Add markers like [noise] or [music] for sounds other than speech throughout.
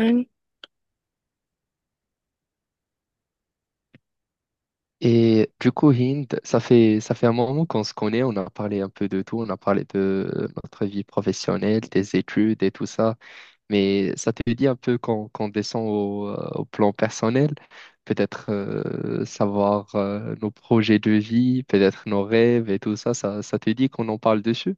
Euh, Et du coup, Hind, ça fait un moment qu'on se connaît. On a parlé un peu de tout, on a parlé de notre vie professionnelle, des études et tout ça, mais ça te dit un peu qu'on descend au plan personnel, peut-être savoir nos projets de vie, peut-être nos rêves et tout ça, ça te dit qu'on en parle dessus?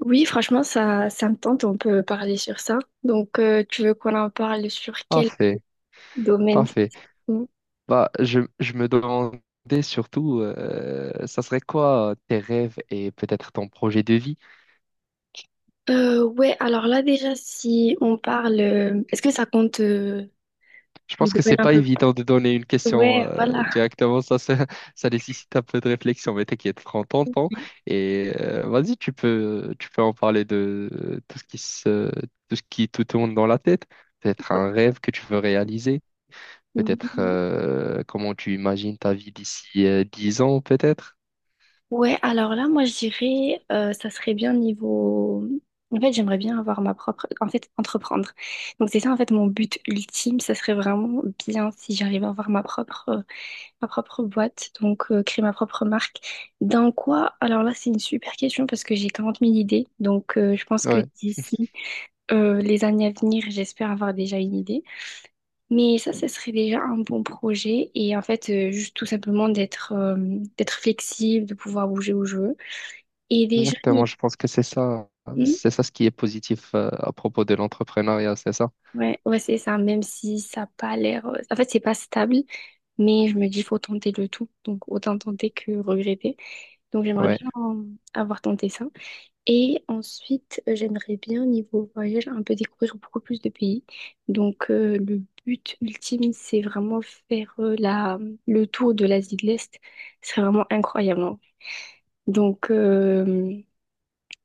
oui, franchement, ça me tente, on peut parler sur ça. Donc, tu veux qu'on en parle sur quel Parfait, domaine parfait. spécifiquement? Bah, je me demandais surtout, ça serait quoi tes rêves et peut-être ton projet de vie? Ouais, alors là, déjà, si on parle, est-ce que ça compte Je le pense que domaine c'est un pas peu? évident de donner une question Ouais, voilà. directement, [laughs] ça nécessite un peu de réflexion. Mais t'inquiète, prends ton temps et vas-y, tu peux en parler de tout ce qui te tourne dans la tête, peut-être un rêve que tu veux réaliser, peut-être Oui. Comment tu imagines ta vie d'ici 10 ans, peut-être. Ouais, alors là, moi, je dirais, ça serait bien niveau. En fait, j'aimerais bien avoir ma propre. En fait, entreprendre. Donc, c'est ça, en fait, mon but ultime. Ça serait vraiment bien si j'arrive à avoir ma propre boîte, donc créer ma propre marque. Dans quoi? Alors là, c'est une super question parce que j'ai 40 000 idées. Donc je pense que Ouais, d'ici les années à venir, j'espère avoir déjà une idée. Mais ça serait déjà un bon projet. Et en fait, juste tout simplement d'être d'être flexible, de pouvoir bouger où je veux. Et déjà, exactement, je pense que c'est ça, Hmm. Ce qui est positif à propos de l'entrepreneuriat, c'est ça? Ouais, ouais, c'est ça, même si ça n'a pas l'air. En fait, c'est pas stable, mais je me dis, faut tenter le tout. Donc, autant tenter que regretter. Donc, j'aimerais Ouais, bien avoir tenté ça. Et ensuite, j'aimerais bien, niveau voyage, un peu découvrir beaucoup plus de pays. Donc, le but ultime, c'est vraiment faire le tour de l'Asie de l'Est. C'est vraiment incroyable, hein. Donc, euh,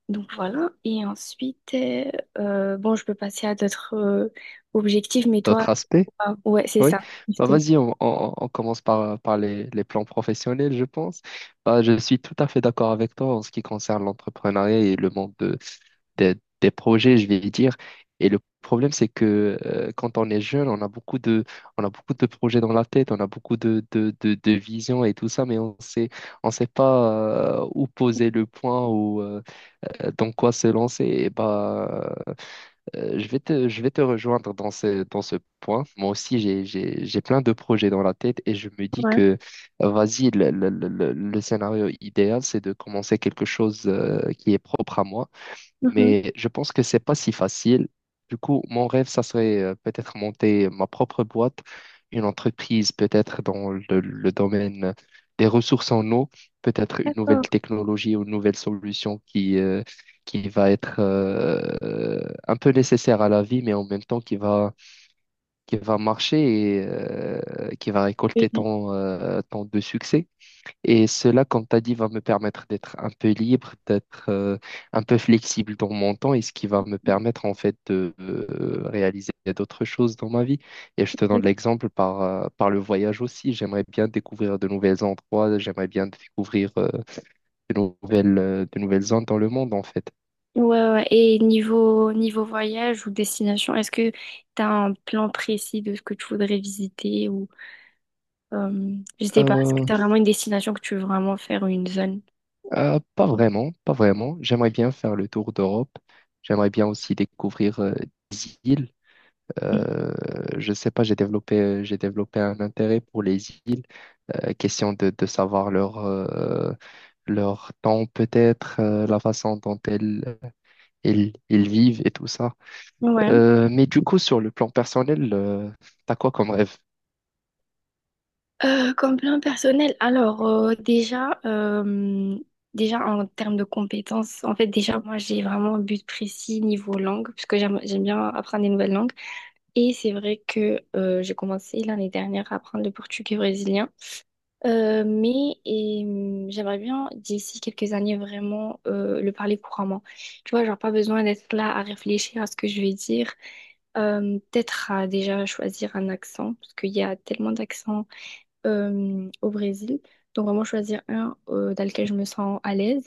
donc voilà. Et ensuite, bon, je peux passer à d'autres objectifs, mais toi, d'autres aspects? ah, ouais, c'est Oui, ça. Je bah te- vas-y, on commence par les, plans professionnels, je pense. Bah, je suis tout à fait d'accord avec toi en ce qui concerne l'entrepreneuriat et le monde des des projets, je vais dire. Et le problème, c'est que quand on est jeune, on a beaucoup de projets dans la tête, on a beaucoup de visions et tout ça, mais on sait pas où poser le point ou dans quoi se lancer. Et bah, je vais te rejoindre dans ce point. Moi aussi, j'ai plein de projets dans la tête et je me dis Ouais. que, vas-y, le scénario idéal, c'est de commencer quelque chose qui est propre à moi, Mhm. mais je pense que c'est pas si facile. Du coup, mon rêve, ça serait peut-être monter ma propre boîte, une entreprise peut-être dans le domaine des ressources en eau, peut-être une nouvelle D'accord. technologie ou une nouvelle solution qui va être un peu nécessaire à la vie, mais en même temps qui va marcher et qui va récolter Oui. tant de succès. Et cela, comme tu as dit, va me permettre d'être un peu libre, d'être un peu flexible dans mon temps, et ce qui va me permettre en fait de réaliser d'autres choses dans ma vie. Et je te donne l'exemple par le voyage aussi. J'aimerais bien découvrir de nouveaux endroits, j'aimerais bien découvrir de nouvelles, de nouvelles zones dans le monde en fait. Ouais, ouais. Et niveau, niveau voyage ou destination, est-ce que tu as un plan précis de ce que tu voudrais visiter ou je sais pas, est-ce que Euh, tu as vraiment une destination que tu veux vraiment faire ou une zone? Pas vraiment, pas vraiment. J'aimerais bien faire le tour d'Europe. J'aimerais bien aussi découvrir des îles. Euh, je sais pas, j'ai développé un intérêt pour les îles, question de savoir leur temps peut-être, la façon dont elles vivent et tout ça. Ouais. Mais du coup, sur le plan personnel, t'as quoi comme rêve? Comme plan personnel, alors déjà en termes de compétences, en fait déjà moi j'ai vraiment un but précis niveau langue, parce que j'aime bien apprendre des nouvelles langues. Et c'est vrai que j'ai commencé l'année dernière à apprendre le portugais brésilien. Mais j'aimerais bien d'ici quelques années vraiment le parler couramment. Tu vois, genre pas besoin d'être là à réfléchir à ce que je vais dire. Peut-être à déjà choisir un accent, parce qu'il y a tellement d'accents au Brésil. Donc vraiment choisir un dans lequel je me sens à l'aise.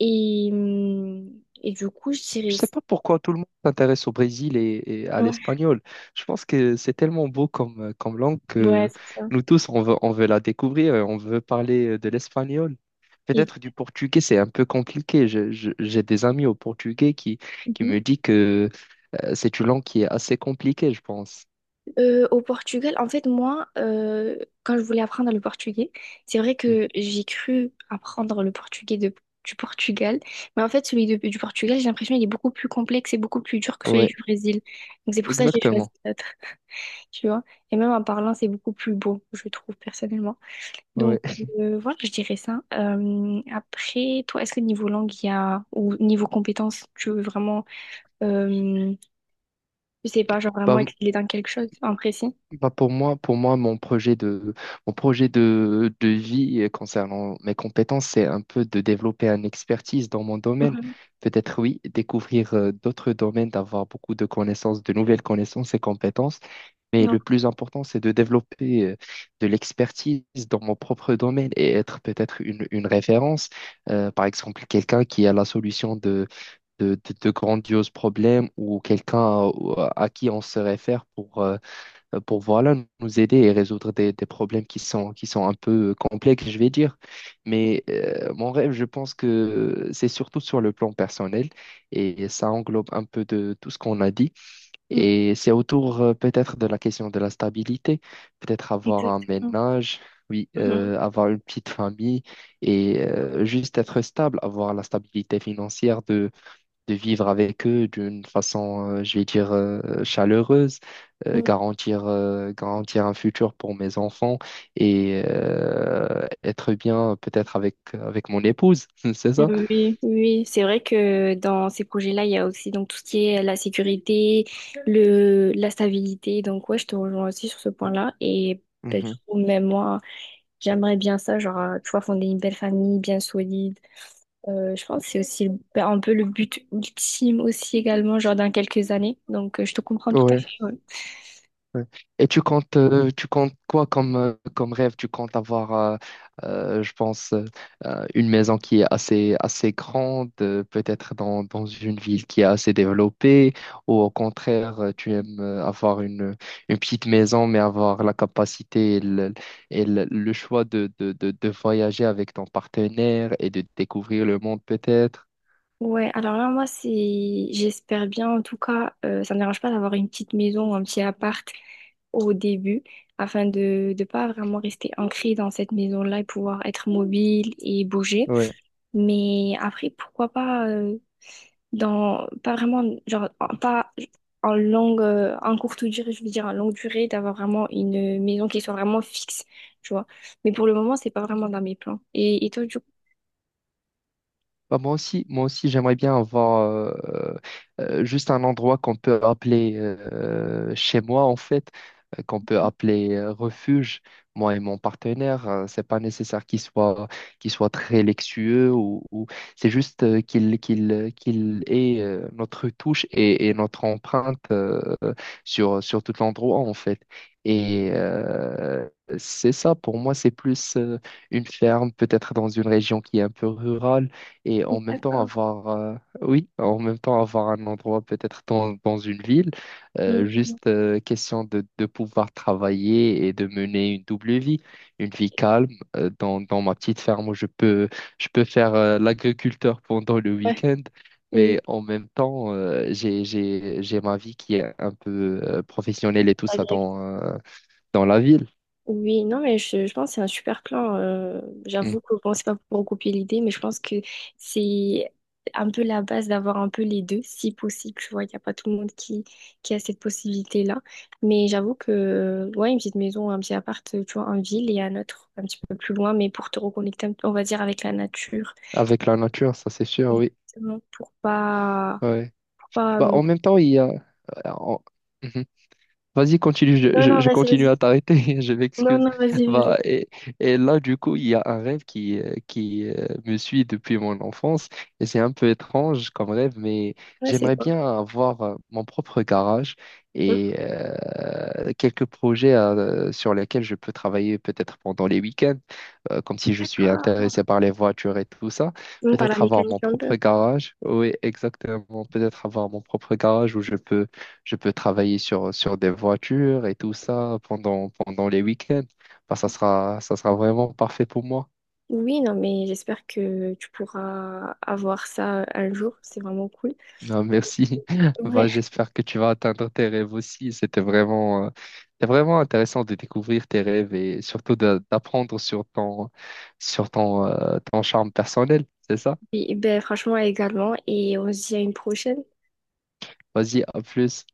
Et, hum, et du coup, je Je dirais. sais pas pourquoi tout le monde s'intéresse au Brésil et à Ouais, l'espagnol. Je pense que c'est tellement beau comme langue ouais, que c'est ça. nous tous, on veut la découvrir et on veut parler de l'espagnol. Et... Peut-être du portugais, c'est un peu compliqué. J'ai des amis au portugais qui me disent que c'est une langue qui est assez compliquée, je pense. Au Portugal, en fait, moi, quand je voulais apprendre le portugais, c'est vrai Mm. que j'ai cru apprendre le portugais du Portugal, mais en fait, celui du Portugal, j'ai l'impression qu'il est beaucoup plus complexe et beaucoup plus dur que celui Ouais, du Brésil. Donc, c'est pour ça que j'ai choisi exactement. l'autre, [laughs] tu vois. Et même en parlant, c'est beaucoup plus beau, je trouve, personnellement. Ouais. Donc, voilà, je dirais ça. Après, toi, est-ce que niveau langue, il y a, ou niveau compétence, tu veux vraiment, euh, je sais pas, genre vraiment Bah, exceller dans quelque chose en précis? Pour moi, mon projet de vie concernant mes compétences, c'est un peu de développer une expertise dans mon domaine. Mhm. Peut-être oui, découvrir d'autres domaines, d'avoir beaucoup de connaissances, de nouvelles connaissances et compétences. Mais Ouais. le plus important, c'est de développer de l'expertise dans mon propre domaine et être peut-être une référence. Par exemple, quelqu'un qui a la solution de grandioses problèmes, ou quelqu'un à qui on se réfère pour voilà, nous aider et résoudre des problèmes qui sont un peu complexes, je vais dire. Mais mon rêve, je pense que c'est surtout sur le plan personnel, et ça englobe un peu de tout ce qu'on a dit. Et c'est autour peut-être de la question de la stabilité, peut-être avoir un Exactement. ménage. Oui, Mhm. Avoir une petite famille et juste être stable, avoir la stabilité financière de vivre avec eux d'une façon, je vais dire, chaleureuse, euh, Donc, garantir, euh, garantir un futur pour mes enfants, et être bien peut-être avec, mon épouse, [laughs] c'est ça? Oui, oui, c'est vrai que dans ces projets-là, il y a aussi donc tout ce qui est la sécurité, le, la stabilité. Donc ouais, je te rejoins aussi sur ce point-là. Et ben, du Mhm. coup, même moi, j'aimerais bien ça, genre, tu vois, fonder une belle famille bien solide. Je pense que c'est aussi ben, un peu le but ultime aussi également, genre dans quelques années. Donc je te comprends tout à Ouais. fait. Ouais. Ouais. Et tu comptes quoi comme rêve? Tu comptes avoir, je pense, une maison qui est assez, assez grande, peut-être dans, une ville qui est assez développée, ou au contraire, tu aimes avoir une petite maison, mais avoir la capacité et le choix de voyager avec ton partenaire et de découvrir le monde, peut-être. Ouais, alors là, moi, c'est, j'espère bien, en tout cas, ça ne me dérange pas d'avoir une petite maison ou un petit appart au début, afin de ne pas vraiment rester ancré dans cette maison-là et pouvoir être mobile et bouger. Mais après, pourquoi pas, dans, pas vraiment, genre, pas en longue, en courte durée, je veux dire, en longue durée, d'avoir vraiment une maison qui soit vraiment fixe, tu vois. Mais pour le moment, c'est pas vraiment dans mes plans. Et toi, du coup? Bah, moi aussi, j'aimerais bien avoir juste un endroit qu'on peut appeler chez moi, en fait, qu'on peut appeler refuge. Moi et mon partenaire, c'est pas nécessaire qu'il soit très luxueux c'est juste qu'il ait notre touche et notre empreinte sur tout l'endroit, en fait. Et c'est ça, pour moi, c'est plus une ferme, peut-être dans une région qui est un peu rurale et en même temps D'accord. avoir oui en même temps avoir un endroit peut-être dans, une ville, Mm. Juste question de pouvoir travailler et de mener une double vie, une vie calme dans, ma petite ferme où je peux faire l'agriculteur pendant le Ouais. week-end, mais Oui. en même temps j'ai ma vie qui est un peu professionnelle et tout ça dans la ville. Oui, non, mais je pense que c'est un super plan. Mm. J'avoue que bon, c'est pas pour copier l'idée, mais je pense que c'est un peu la base d'avoir un peu les deux, si possible. Tu vois, il n'y a pas tout le monde qui a cette possibilité-là. Mais j'avoue que, ouais, une petite maison, un petit appart, tu vois, en ville et un autre un petit peu plus loin, mais pour te reconnecter, un peu, on va dire, avec la nature. Avec la nature, ça c'est sûr. Oui, Exactement, ouais. pour pas... Bah Non, en même temps il y a en- Mhm. Vas-y, continue, je, je- non, je vas-y, continue vas-y. à t'arrêter, [laughs] je Non, m'excuse. non, vas-y, vas-y. Bah, et là, du coup, il y a un rêve qui me suit depuis mon enfance, et c'est un peu étrange comme rêve, mais Ouais, c'est j'aimerais quoi? bien avoir mon propre garage Mm. et quelques projets sur lesquels je peux travailler peut-être pendant les week-ends, comme si je suis D'accord. intéressé par les voitures et tout ça. On parle à la Peut-être avoir mon mécanique un peu. propre garage, oui, exactement, peut-être avoir mon propre garage où je peux travailler sur des voitures et tout ça pendant les week-ends. Bah, ça sera vraiment parfait pour moi. Oui, non, mais j'espère que tu pourras avoir ça un jour. C'est vraiment cool. Ah, merci. [laughs] Bah, Ouais. j'espère que tu vas atteindre tes rêves aussi. C'était vraiment intéressant de découvrir tes rêves, et surtout d'apprendre sur ton, sur ton charme personnel. C'est ça? Et, ben, franchement, également. Et on se dit à une prochaine. Vas-y, à plus.